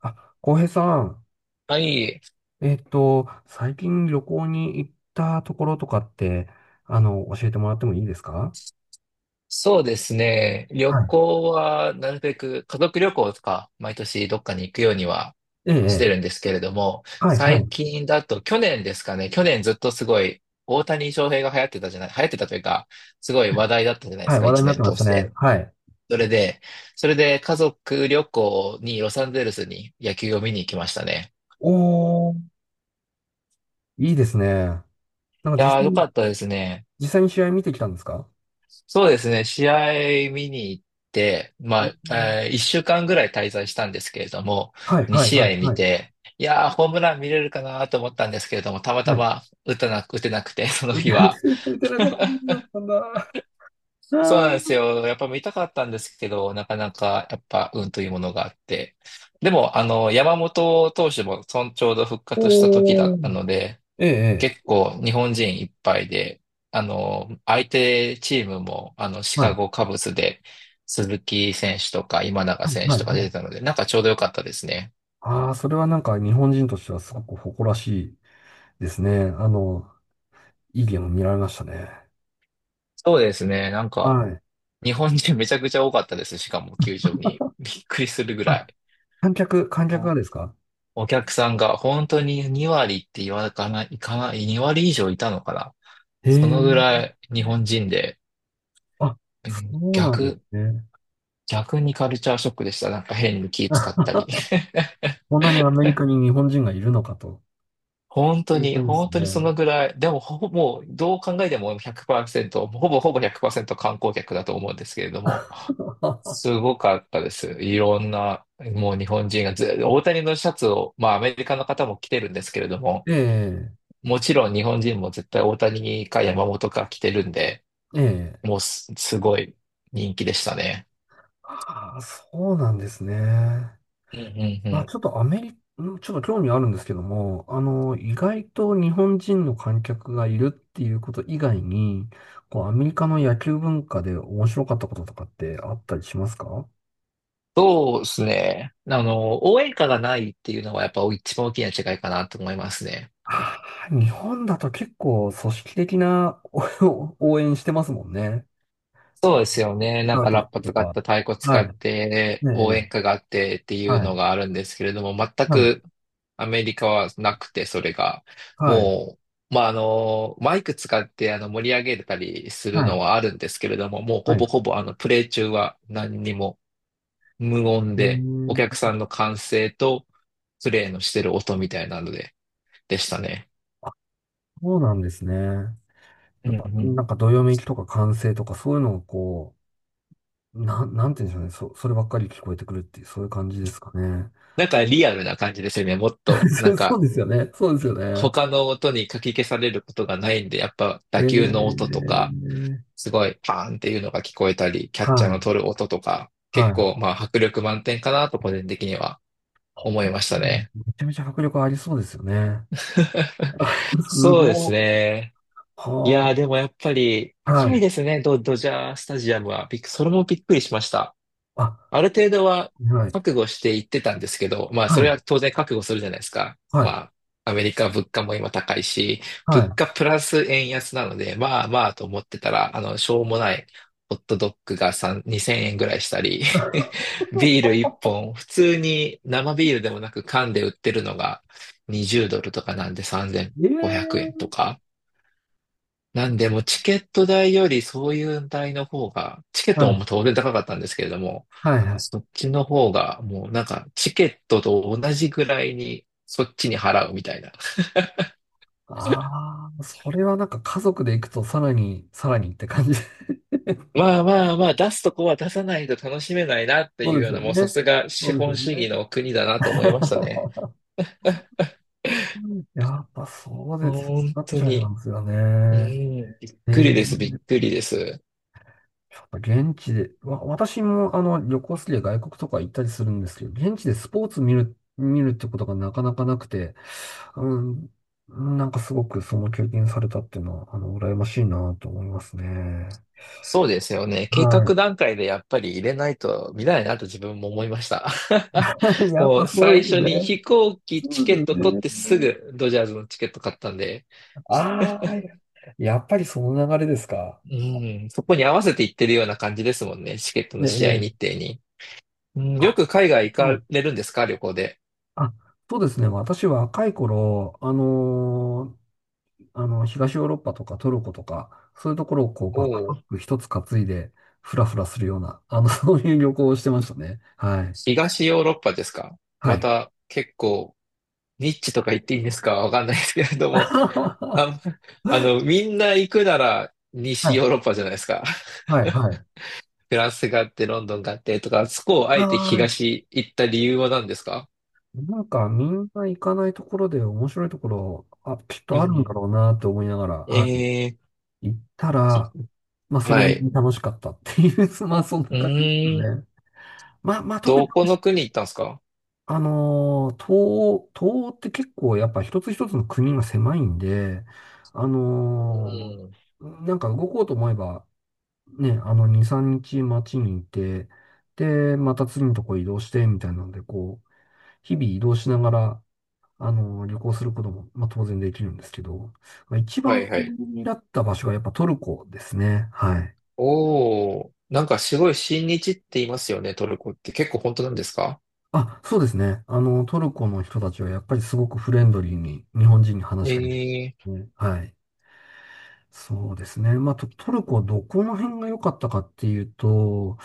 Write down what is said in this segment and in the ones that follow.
あ、浩平さん、はい。最近旅行に行ったところとかって、教えてもらってもいいですか？そうですね。旅はい。行は、なるべく家族旅行とか、毎年どっかに行くようにはえしてえ、ええ。るんですけれども、はい、は最い。近だと、去年ですかね。去年ずっとすごい、大谷翔平が流行ってたというか、すごい話題だったじゃないではすい、か、話題に一なっ年てま通したしね。て。はい。それで、それで家族旅行にロサンゼルスに野球を見に行きましたね。おー、いいですね。なんかい実やー、際よかに、ったですね。実際に試合見てきたんですか？そうですね、試合見に行って、おまあ、ー。1週間ぐらい滞在したんですけれども、はい、2はい、試はい、合見はい。て、いやー、ホームラン見れるかなと思ったんですけれども、たまたはい。ま打てなくて、そ の打日は。ててなかったことだったんだ。そうあなんですー。よ。やっぱ見たかったんですけど、なかなか、やっぱ、運というものがあって。でも、あの、山本投手も、ちょうど復活した時だおったー、ので、ええ、ええ。結構日本人いっぱいで、あの、相手チームも、あの、シはい、カはゴカブスで、鈴木選手とか今永い、選は手い。とか出はい。てたので、なんかちょうどよかったですね。ああ、それはなんか日本人としてはすごく誇らしいですね。いいゲーム見られましたね。そうですね。なんか、はい。日本人めちゃくちゃ多かったです。しかも球場に。びっくりするぐらあ、い。観客がおですか？お客さんが本当に2割って言わかない、いかない、2割以上いたのかな。へそえ。のぐらい日本人で、あ、うそんうなんで逆、すね。逆にカルチャーショックでした。なんか変に気使ったり。こんなにアメリカに日本人がいるのかと本い当うに、感じ本で当すにそね。のぐらい、でもほぼ、もうどう考えても100%、ほぼほぼ100%観光客だと思うんですけれども、す ごかったです。いろんな、もう日本人がず、大谷のシャツを、まあアメリカの方も着てるんですけれども、えもちろん日本人も絶対大谷か山本か着てるんで、え、ええ。もうす、すごい人気でしたね。ああ、そうなんですね。うんうんまうあ、ん。ちょっとアメリカ、ちょっと興味あるんですけども、意外と日本人の観客がいるっていうこと以外に、アメリカの野球文化で面白かったこととかってあったりしますか？そうですね。あの、応援歌がないっていうのはやっぱ一番大きな違いかなと思いますね。あー。日本だと結構組織的なお 応援してますもんね。そうあですよね。なカんか歌ラっッパた使とっか。た太鼓は使い。ってねえ、応援え歌があってってえ。いうはのい。があるんですけれども、全はい。くアメリカはなくて、それが。はい。もまあ、あの、マイク使ってあの盛り上げたりするはい。のはあるんですけれども、もうはほい。ぼほぼあのプレイ中は何にも無音えで、おー、客さんの歓声とプレイのしてる音みたいなので、でしたね。そうなんですね。うやんっうぱ、ん。なんか、どよめきとか歓声とか、そういうのがなんて言うんでしょうね。そればっかり聞こえてくるっていう、そういう感じですかね。なんかリアルな感じですよね。もっと、なそんう、そうか、ですよね。そうですよね。他の音にかき消されることがないんで、やっぱ打え球の音とか、ー、すごいパーンっていうのが聞こえたり、キャッチはャーのい。取る音とか、は結い。構まあ迫力満点かなと個人的には思いましたうん。ね。めちゃめちゃ迫力ありそうですよね。すそうでごすい。ね。いはやーでもやっぱりあ、高はいい。ですね、ドジャースタジアムは。びっくそれもびっくりしました。あ、ある程度ははい。覚悟していってたんですけど、まあそはれい。は当然覚悟するじゃないですか。はまい。あアメリカ物価も今高いし、は物い。価プラス円安なので、まあまあと思ってたら、あの、しょうもないホットドッグが3、2000円ぐらいしたり、ビール 1本、普通に生ビールでもなく缶で売ってるのが20ドルとかなんで3500円ええ。とか、なんで、もうチケット代よりそういう代の方が、チケッはトい。も当然高かったんですけれども、はい。はい。そっちの方が、もうなんか、チケットと同じぐらいに、そっちに払うみたいな。ああ、それはなんか家族で行くとさらに、さらにって感じ。まあまあまあ、出すとこは出さないと楽しめないなってそいううでよすうよな、もうさね。すがそ資うですよ本主義ね。の国だなと思いましたね。やっぱそうです。本なっ当ちゃいに。ますよね。うん、びっえくりです、びっーくりです。やっぱ現地で、私も旅行好きで外国とか行ったりするんですけど、現地でスポーツ見るってことがなかなかなくて、うん、なんかすごくその経験されたっていうのは、羨ましいなと思いますね。そうですよね。計は画段階でやっぱり入れないと見ないなと自分も思いました。い。やっもぱうそうで最す初にね。飛行機そチケッうトです取っね。てすぐドジャーズのチケット買ったんで、ああ、やっぱりその流れですか？うん、そこに合わせて行ってるような感じですもんね。チケットのねえ。ね試合日え、程に。うん、よあ、く海外行そかう、れるんですか旅行で。あ、そうですね。私若い頃、東ヨーロッパとかトルコとか、そういうところをおバックパお、ック一つ担いで、フラフラするような、そういう旅行をしてましたね。はい。東ヨーロッパですか？はまい。た結構ニッチとか言っていいんですかわかんないですけれど も。はあ、あの、みんな行くなら西ヨーロい。ッパじゃないですか。はい。はい。フランスがあって、ロンドンがあって、とか、そこをあえてはい。東行った理由は何ですか？なんか、みんな行かないところで面白いところ、あ、きっうとあるんだん。ろうなって思いながら、はい。え行ったら、まあ、ー、それなはりい。に楽しかったっていう、まあ、そんなう感じですーん。ね。まあ、まあ、特どにこの国行ったんですか？東欧って結構やっぱ一つ一つの国が狭いんで、あうのん。なんか動こうと思えば、ね、2、3日街にいて、で、また次のとこ移動して、みたいなので、日々移動しながら、旅行することも、まあ、当然できるんですけど、まあ、一は番おいはい。気だった場所はやっぱトルコですね。はい。おー、なんかすごい親日って言いますよね、トルコって。結構本当なんですか？あ、そうですね。トルコの人たちはやっぱりすごくフレンドリーに日本人に話しかけてくえー、れるね、はい。そうですね。まあ、トルコどこの辺が良かったかっていうと、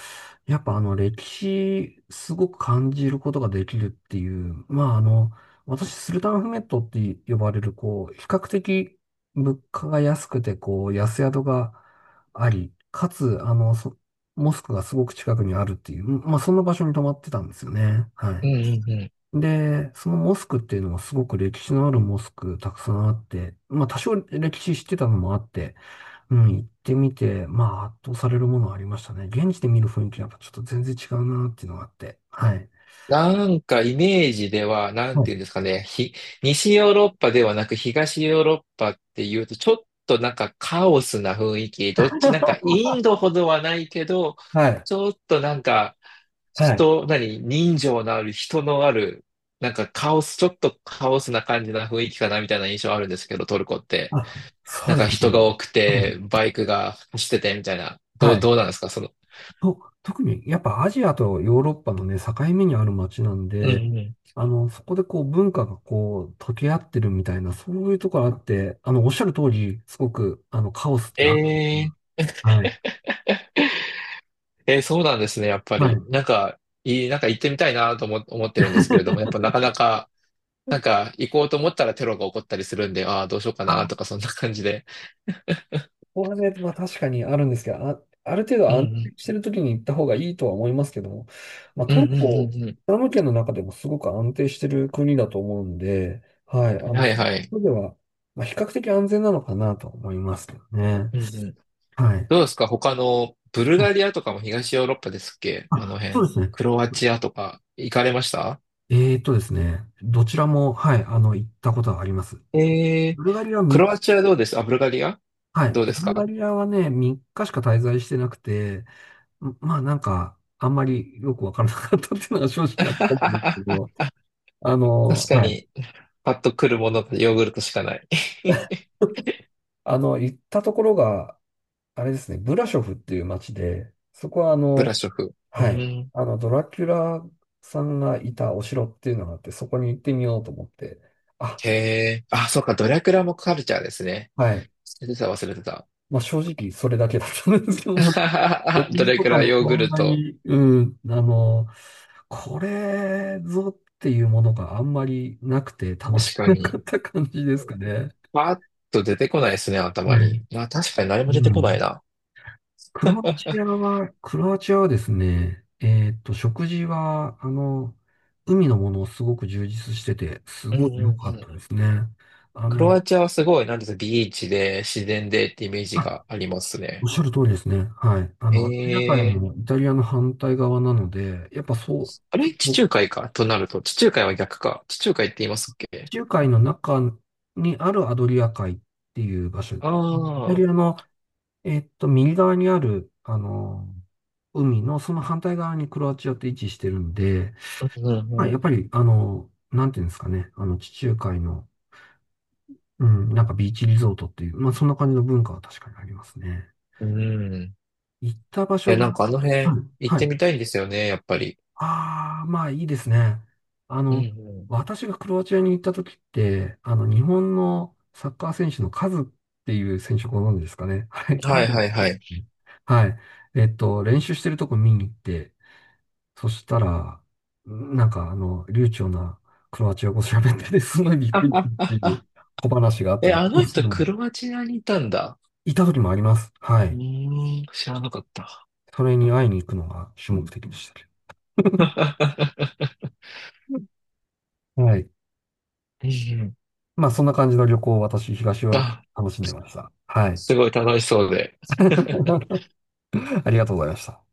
やっぱあの歴史すごく感じることができるっていう、まあ私スルタンフメットって呼ばれる、比較的物価が安くて、安宿があり、かつ、モスクがすごく近くにあるっていう、まあそんな場所に泊まってたんですよね。はうい。んうんうん。で、そのモスクっていうのはすごく歴史のあるモスクたくさんあって、まあ多少歴史知ってたのもあって、うん、行ってみて、まあ、圧倒されるものはありましたね。現地で見る雰囲気はやっぱちょっと全然違うなっていうのがあって。はい。なんかイメージでは、なんはい。ていうんですかね、西ヨーロッパではなく東ヨーロッパっていうと、ちょっとなんかカオスな雰囲気、どっち、なんかイン ドほどはないけど、はい。ちょっとなんか、はい。人のある、なんかカオス、ちょっとカオスな感じな雰囲気かなみたいな印象あるんですけど、トルコって。あ、そなんうかです人ね。が多くうん。て、バイクが走っててみたいな。はい。どうなんですか、その。特にやっぱアジアとヨーロッパのね、境目にある街なんうで、んうん。そこでこう文化がこう溶け合ってるみたいな、そういうところあって、おっしゃる通り、すごく、カオスってある。えはい。えーそうなんですね、やっぱはり。い。なんか、いい、なんか行ってみたいなと思ってるんですけれども、やっぱな かなか、なんか行こうと思ったらテロが起こったりするんで、ああ、どうしようかなあ、とか、そんな感じで。後半で、まあ確かにあるんですけど、あ、ある程度う安定んしてる時に行った方がいいとは思いますけども、まあうん。トルうんうコ、んイうんうスラム圏の中でもすごく安定してる国だと思うんで、はい、ん。はそいはい。ういう意味では、まあ、比較的安全なのかなと思いますけどね。うんうん。はい。どうですか他の、ブルガリアとかも東ヨーロッパですっけあのあ、そう辺。ですね。クロアチアとか、行かれました？どちらも、はい、行ったことがあります。えー、ブルガリアはクみロアチアどうです？あ、ブルガリアはどい、うですブルか？ ガリアはね、3日しか滞在してなくて、まあなんか、あんまりよくわからなかったっていうのが正 直なところなんですけど、確かはい。に、パッと来るものがヨーグルトしかない。 行ったところが、あれですね、ブラショフっていう街で、そこはブラショフ。うはい。ん。ドラキュラさんがいたお城っていうのがあって、そこに行ってみようと思って、あ、へえ。あ、そうか、ドラクラもカルチャーですね。はい。忘れてた。まあ正直それだけだったんですけども、食 ド事ラとクかラもヨーグそんルなト。に、うん、これぞっていうものがあんまりなくて楽し確くかなかっに。た感じですかね。パーッと出てこないですね、頭ね、に。まあ確かに何もう出てこないん。な。クロアチアはですね、食事は、海のものをすごく充実してて、すうんごいうんう良かっん。たですね。あクの、ロアチアはすごい、なんですか、ビーチで、自然でってイメージあ、がありますおね。っしゃる通りですね。はい。アフリカ海ええのイタリアの反対側なので、やっぱそう、あそれ、地こ中海か、となると。地中海は逆か。地中海って言いますっ地け？中海の中にあるアドリア海っていう場所、イあタあリー、アの、右側にある、海のその反対側にクロアチアって位置してるんで、うんまあ、うやっんぱり、なんていうんですかね。地中海の、うん、なんかビーチリゾートっていう、まあ、そんな感じの文化は確かにありますね。うん。うん。行った場や、所が、なんかあのは辺い、行っはてい。みたいんですよね、やっぱり。ああ、まあ、いいですね。あうんの、う私がクロアチアに行った時って、日本のサッカー選手のカズっていう選手ご存知ですかね。はい、ん。は彼いが行はっいたは時い。ね。はい。練習してるとこ見に行って、そしたら、なんか流暢なクロアチア語喋ってて、すごいびっくりっ ああていう小話があったえ、りしあのますけ人どクも、ロアチアにいたんだ。いた時もあります。はうい。ーん、知らなかった。それに会いに行くのが主目的でしたけど。はい。うんうんまあ、そんな感じの旅行を私、東ヨーロッあ、パ楽しんでました。はい。すごい楽しそうで。ありがとうございました。